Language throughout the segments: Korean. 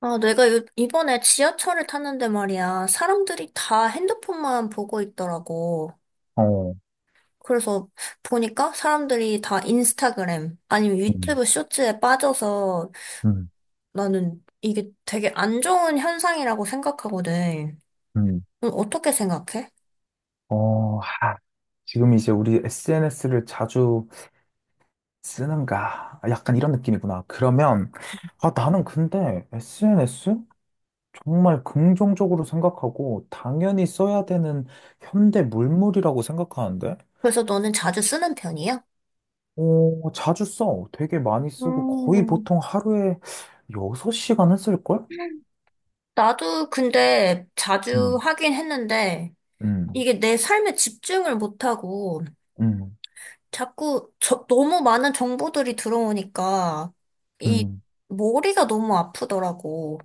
아, 내가 이번에 지하철을 탔는데 말이야. 사람들이 다 핸드폰만 보고 있더라고. 어, 그래서 보니까 사람들이 다 인스타그램 아니면 음, 유튜브 쇼츠에 빠져서 음, 나는 이게 되게 안 좋은 현상이라고 생각하거든. 음. 넌 어떻게 생각해? 어, 하, 지금 이제 우리 SNS를 자주 쓰는가? 약간 이런 느낌이구나. 그러면, 나는 근데 SNS? 정말 긍정적으로 생각하고, 당연히 써야 되는 현대 물물이라고 생각하는데, 그래서 너는 자주 쓰는 편이야? 어, 자주 써. 되게 많이 쓰고, 거의 음, 보통 하루에 6시간은 쓸걸? 나도 근데 자주 음, 하긴 했는데 음, 이게 내 삶에 집중을 못하고 음, 자꾸 너무 많은 정보들이 들어오니까 이 음. 머리가 너무 아프더라고.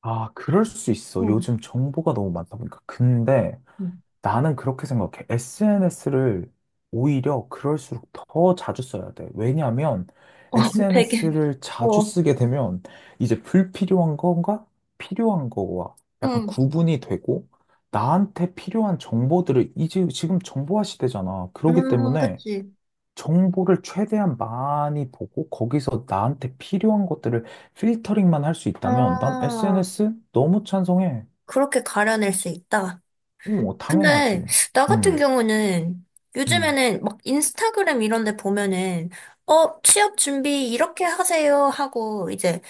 아, 그럴 수 있어. 응, 요즘 정보가 너무 많다 보니까. 근데, 응. 나는 그렇게 생각해. SNS를 오히려 그럴수록 더 자주 써야 돼. 왜냐하면 어, 되게, SNS를 자주 어, 쓰게 되면 이제 불필요한 건가 필요한 거와 약간 응, 구분이 되고 나한테 필요한 정보들을 이제 지금 정보화 시대잖아. 그렇기 때문에 그치. 정보를 최대한 많이 보고 거기서 나한테 필요한 것들을 필터링만 할 수 있다면 난 아, SNS 너무 찬성해. 그렇게 가려낼 수 있다. 어, 근데 당연하지. 나 같은 음, 경우는 음. 요즘에는 막 인스타그램 이런 데 보면은 어, 취업 준비 이렇게 하세요 하고 이제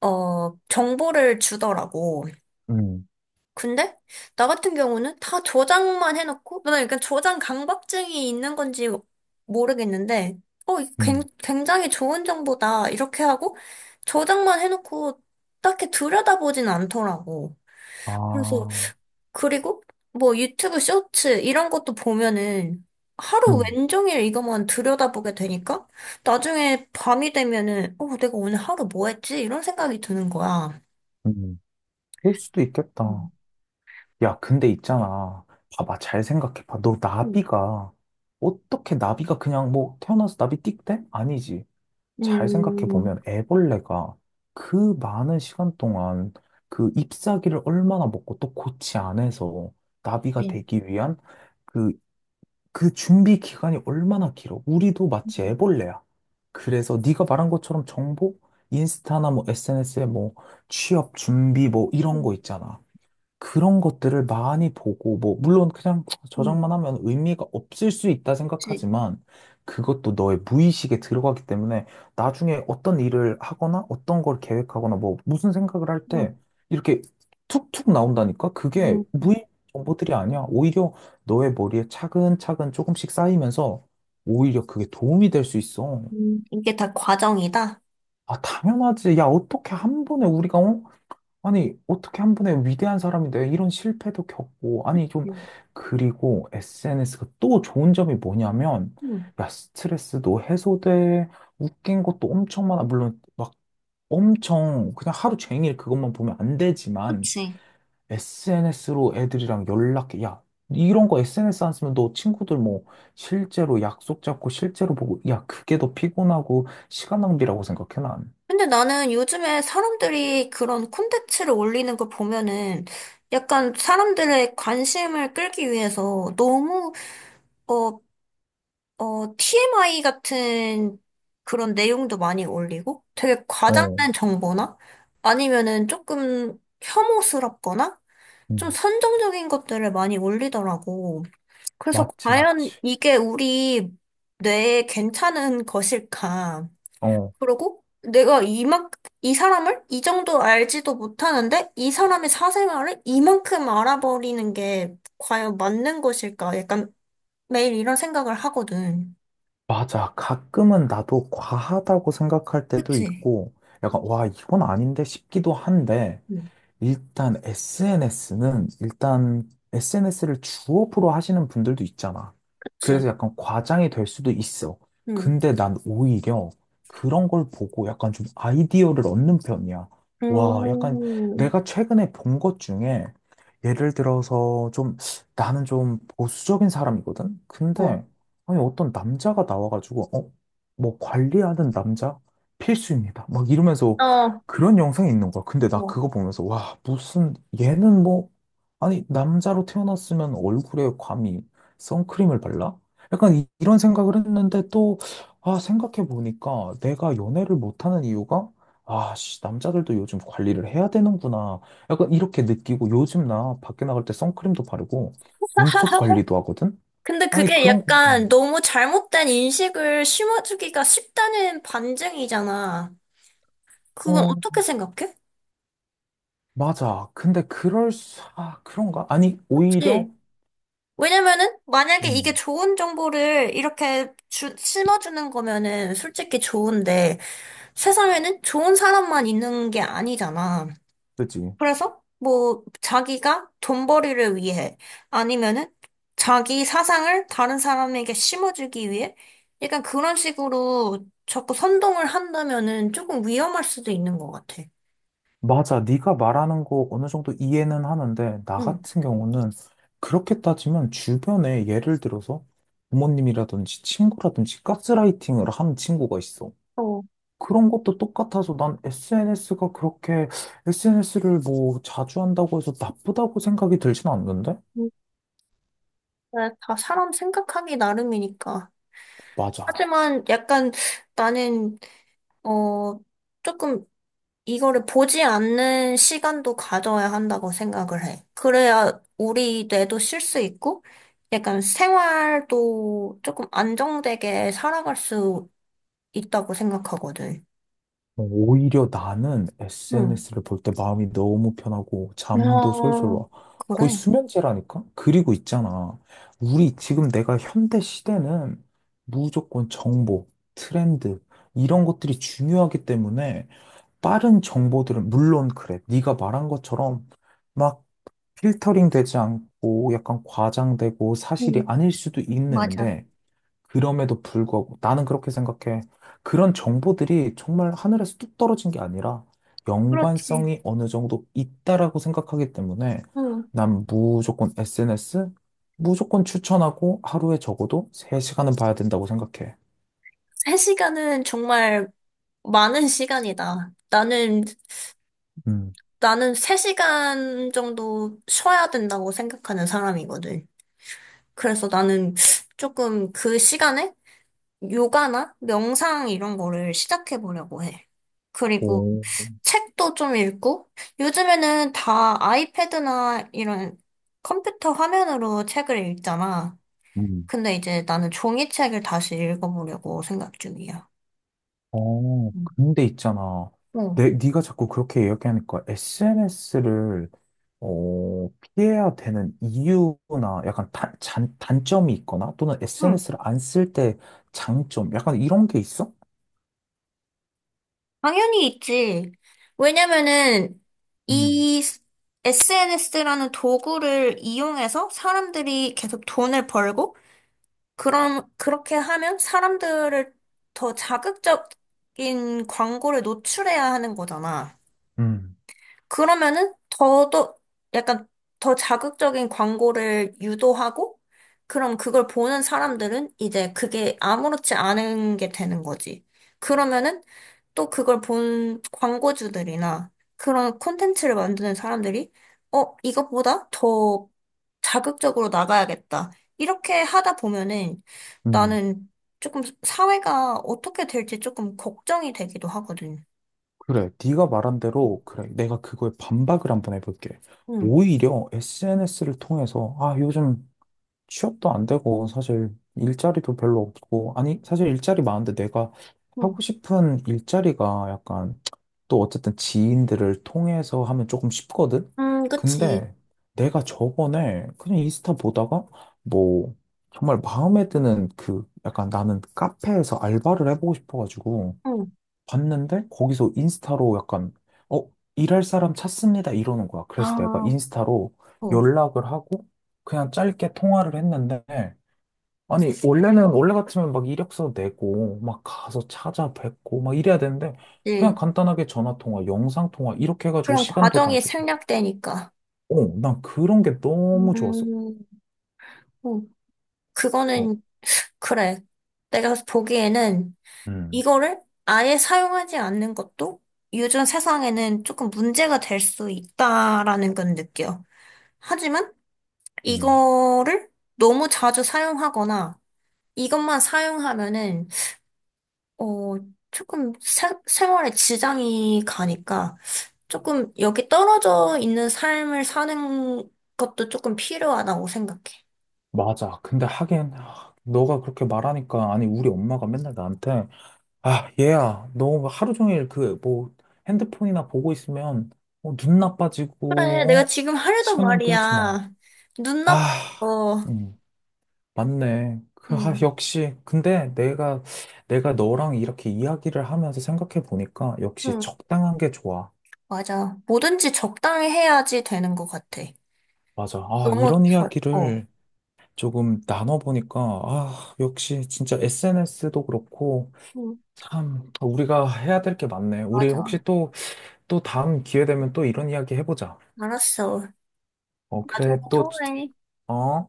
어, 정보를 주더라고. 음. 근데 나 같은 경우는 다 저장만 해놓고 나 약간 저장 강박증이 있는 건지 모르겠는데 어 이거 굉- 음. 굉장히 좋은 정보다 이렇게 하고 저장만 해놓고 딱히 들여다보진 않더라고. 그래서 아, 그리고 뭐 유튜브 쇼츠 이런 것도 보면은 하루 음, 왼종일 이것만 들여다보게 되니까 나중에 밤이 되면은 어 내가 오늘 하루 뭐 했지? 이런 생각이 드는 거야. 음. 그럴 수도 있겠다. 음. 야, 근데 있잖아. 봐봐, 잘 생각해봐. 음. 어떻게 나비가 그냥 뭐 태어나서 나비 띡대? 아니지. 잘 음. 생각해보면 애벌레가 그 많은 시간 동안 그 잎사귀를 얼마나 먹고 또 고치 안에서 나비가 네. 되기 위한 그 그 준비 기간이 얼마나 길어? 우리도 마치 애벌레야. 그래서 네가 말한 것처럼 정보? 인스타나 뭐 SNS에 뭐 취업 준비 뭐 이런 거 있잖아. 그런 것들을 많이 보고, 뭐, 물론 그냥 응 저장만 하면 의미가 없을 수 있다 그치? 생각하지만, 그것도 너의 무의식에 들어가기 때문에, 나중에 어떤 일을 하거나, 어떤 걸 계획하거나, 뭐, 무슨 생각을 할 음, 때, 이렇게 툭툭 나온다니까? 그게 음, 무의식 정보들이 아니야. 오히려 너의 머리에 차근차근 조금씩 쌓이면서, 오히려 그게 도움이 될 수 있어. 이게 다 과정이다. 아, 당연하지. 야, 어떻게 한 번에 우리가, 어? 아니, 어떻게 한 번에 위대한 사람인데 이런 실패도 겪고, 아니, 좀, 응. 그리고 SNS가 또 좋은 점이 뭐냐면, 음, 야, 스트레스도 해소돼, 웃긴 것도 엄청 많아. 물론, 막 엄청, 그냥 하루 종일 그것만 보면 안 되지만, 그치? SNS로 애들이랑 연락해. 야, 이런 거 SNS 안 쓰면 너 친구들 뭐, 실제로 약속 잡고 실제로 보고, 야, 그게 더 피곤하고, 시간 낭비라고 생각해, 난. 근데 나는 요즘에 사람들이 그런 콘텐츠를 올리는 걸 보면은 약간 사람들의 관심을 끌기 위해서 너무, 어, 어, TMI 같은 그런 내용도 많이 올리고 되게 어, 과장된 정보나 아니면은 조금 혐오스럽거나 좀 음, 선정적인 것들을 많이 올리더라고. 그래서 맞지, 과연 맞지. 이게 우리 뇌에 괜찮은 것일까? 어, 그리고 내가 이만 이 사람을 이 정도 알지도 못하는데 이 사람의 사생활을 이만큼 알아버리는 게 과연 맞는 것일까? 약간 매일 이런 생각을 하거든. 맞아. 가끔은 나도 과하다고 생각할 때도 그치? 있고, 약간, 와, 이건 아닌데 싶기도 한데, 응, 일단 SNS는 일단 SNS를 주업으로 하시는 분들도 있잖아. 그치? 그래서 약간 과장이 될 수도 있어. 응. 근데 난 오히려 그런 걸 보고 약간 좀 아이디어를 얻는 편이야. 와, 약간 음, 내가 최근에 본 것 중에 예를 들어서 좀 나는 좀 보수적인 사람이거든? 어, 근데 아니 어떤 남자가 나와가지고 어? 뭐 관리하는 남자? 필수입니다. 막 이러면서 어, 그런 영상이 있는 거야. 근데 나 어. 그거 보면서, 와, 무슨, 얘는 뭐, 아니, 남자로 태어났으면 얼굴에 감히 선크림을 발라? 약간 이런 생각을 했는데 또, 아, 생각해보니까 내가 연애를 못하는 이유가, 아, 씨, 남자들도 요즘 관리를 해야 되는구나. 약간 이렇게 느끼고 요즘 나 밖에 나갈 때 선크림도 바르고 눈썹 관리도 하거든? 근데 아니, 그게 그런 거, 약간 보면, 너무 잘못된 인식을 심어주기가 쉽다는 반증이잖아. 그건 어, 어떻게 생각해? 맞아. 근데 아, 그런가? 아니, 오히려, 그치? 왜냐면은 만약에 이게 음, 좋은 정보를 이렇게 심어주는 거면은 솔직히 좋은데 세상에는 좋은 사람만 있는 게 아니잖아. 그치. 그래서 뭐 자기가 돈벌이를 위해 아니면은 자기 사상을 다른 사람에게 심어주기 위해 약간 그런 식으로 자꾸 선동을 한다면은 조금 위험할 수도 있는 것 같아. 맞아. 네가 말하는 거 어느 정도 이해는 하는데 나 응. 같은 경우는 그렇게 따지면 주변에 예를 들어서 부모님이라든지 친구라든지 가스라이팅을 한 친구가 있어. 어. 그런 것도 똑같아서 난 SNS가 그렇게 SNS를 뭐 자주 한다고 해서 나쁘다고 생각이 들진 않는데? 근데 다 사람 생각하기 나름이니까. 맞아. 하지만 약간 나는, 어, 조금 이거를 보지 않는 시간도 가져야 한다고 생각을 해. 그래야 우리 뇌도 쉴 수 있고, 약간 생활도 조금 안정되게 살아갈 수 있다고 생각하거든. 어, 오히려 나는 응. SNS를 볼 때 마음이 너무 편하고 잠도 솔솔 와. 어, 거의 그래. 수면제라니까? 그리고 있잖아. 우리 지금 내가 현대 시대는 무조건 정보, 트렌드 이런 것들이 중요하기 때문에 빠른 정보들은 물론 그래. 네가 말한 것처럼 막 필터링 되지 않고 약간 과장되고 사실이 응. 아닐 수도 맞아. 있는데 그럼에도 불구하고 나는 그렇게 생각해. 그런 정보들이 정말 하늘에서 뚝 떨어진 게 아니라 그렇지. 연관성이 어느 정도 있다라고 생각하기 때문에 응. 난 무조건 SNS 무조건 추천하고 하루에 적어도 3시간은 봐야 된다고 생각해. 세 시간은 정말 많은 시간이다. 나는 음. 나는 3시간 정도 쉬어야 된다고 생각하는 사람이거든. 그래서 나는 조금 그 시간에 요가나 명상 이런 거를 시작해 보려고 해. 그리고 오, 책도 좀 읽고, 요즘에는 다 아이패드나 이런 컴퓨터 화면으로 책을 읽잖아. 음. 근데 이제 나는 종이책을 다시 읽어보려고 생각 중이야. 어, 음. 근데 있잖아. 어. 네가 자꾸 그렇게 이야기하니까 SNS를 피해야 되는 이유나 약간 단점이 있거나 또는 응. SNS를 안 쓸 때 장점 약간 이런 게 있어? 당연히 있지. 왜냐면은 음, 이 SNS라는 도구를 이용해서 사람들이 계속 돈을 벌고 그럼 그렇게 하면 사람들을 더 자극적인 광고를 노출해야 하는 거잖아. 음, 그러면은 더더 약간 더 자극적인 광고를 유도하고 그럼 그걸 보는 사람들은 이제 그게 아무렇지 않은 게 되는 거지. 그러면은 또 그걸 본 광고주들이나 그런 콘텐츠를 만드는 사람들이 어, 이것보다 더 자극적으로 나가야겠다. 이렇게 하다 보면은 음. 나는 조금 사회가 어떻게 될지 조금 걱정이 되기도 하거든. 그래. 네가 말한 대로 그래. 내가 그거에 반박을 한번 해볼게. 응, 오히려 SNS를 통해서 아, 요즘 취업도 안 되고 사실 일자리도 별로 없고 아니 사실 일자리 많은데 내가 응, 하고 싶은 일자리가 약간 또 어쨌든 지인들을 통해서 하면 조금 쉽거든. 그치. 근데 내가 저번에 그냥 인스타 보다가 뭐 정말 마음에 드는 그 약간 나는 카페에서 알바를 해보고 싶어가지고 봤는데 거기서 인스타로 약간 어 일할 사람 찾습니다 이러는 거야. 그래서 내가 아, 인스타로 어, 연락을 하고 그냥 짧게 통화를 했는데 아니 원래 같으면 막 이력서 내고 막 가서 찾아뵙고 막 이래야 되는데 그냥 예. 간단하게 전화 통화, 영상 통화 이렇게 해가지고 그런 시간도 과정이 단축. 생략되니까. 어, 난 그런 게 너무 좋았어. 음, 어, 어, 그거는, 그래. 내가 보기에는 음, 이거를 아예 사용하지 않는 것도 요즘 세상에는 조금 문제가 될 수 있다라는 건 느껴. 하지만 음. 이거를 너무 자주 사용하거나 이것만 사용하면은 어, 조금 생활에 지장이 가니까 조금 여기 떨어져 있는 삶을 사는 것도 조금 필요하다고 생각해. 맞아. 근데 하긴 아, 너가 그렇게 말하니까 아니 우리 엄마가 맨날 나한테 아, 얘야, 너뭐 하루 종일 그, 뭐, 핸드폰이나 보고 있으면, 어, 눈 그래, 내가 나빠지고, 어? 지금 하려던 시간 낭비하지 마. 말이야. 눈 아, 나빠서, 음, 맞네. 아, 응, 역시. 근데 내가 너랑 이렇게 이야기를 하면서 생각해 보니까, 역시 응, 적당한 게 좋아. 맞아. 뭐든지 적당히 해야지 되는 것 같아. 맞아. 아, 너무 이런 덜, 어, 이야기를 조금 나눠보니까, 아, 역시 진짜 SNS도 그렇고, 응, 참, 우리가 해야 될 게 많네. 우리 혹시 맞아. 또 다음 기회 되면 또 이런 이야기 해보자. 알았어. 어, 나중에 그래, 또, 통화해. 어?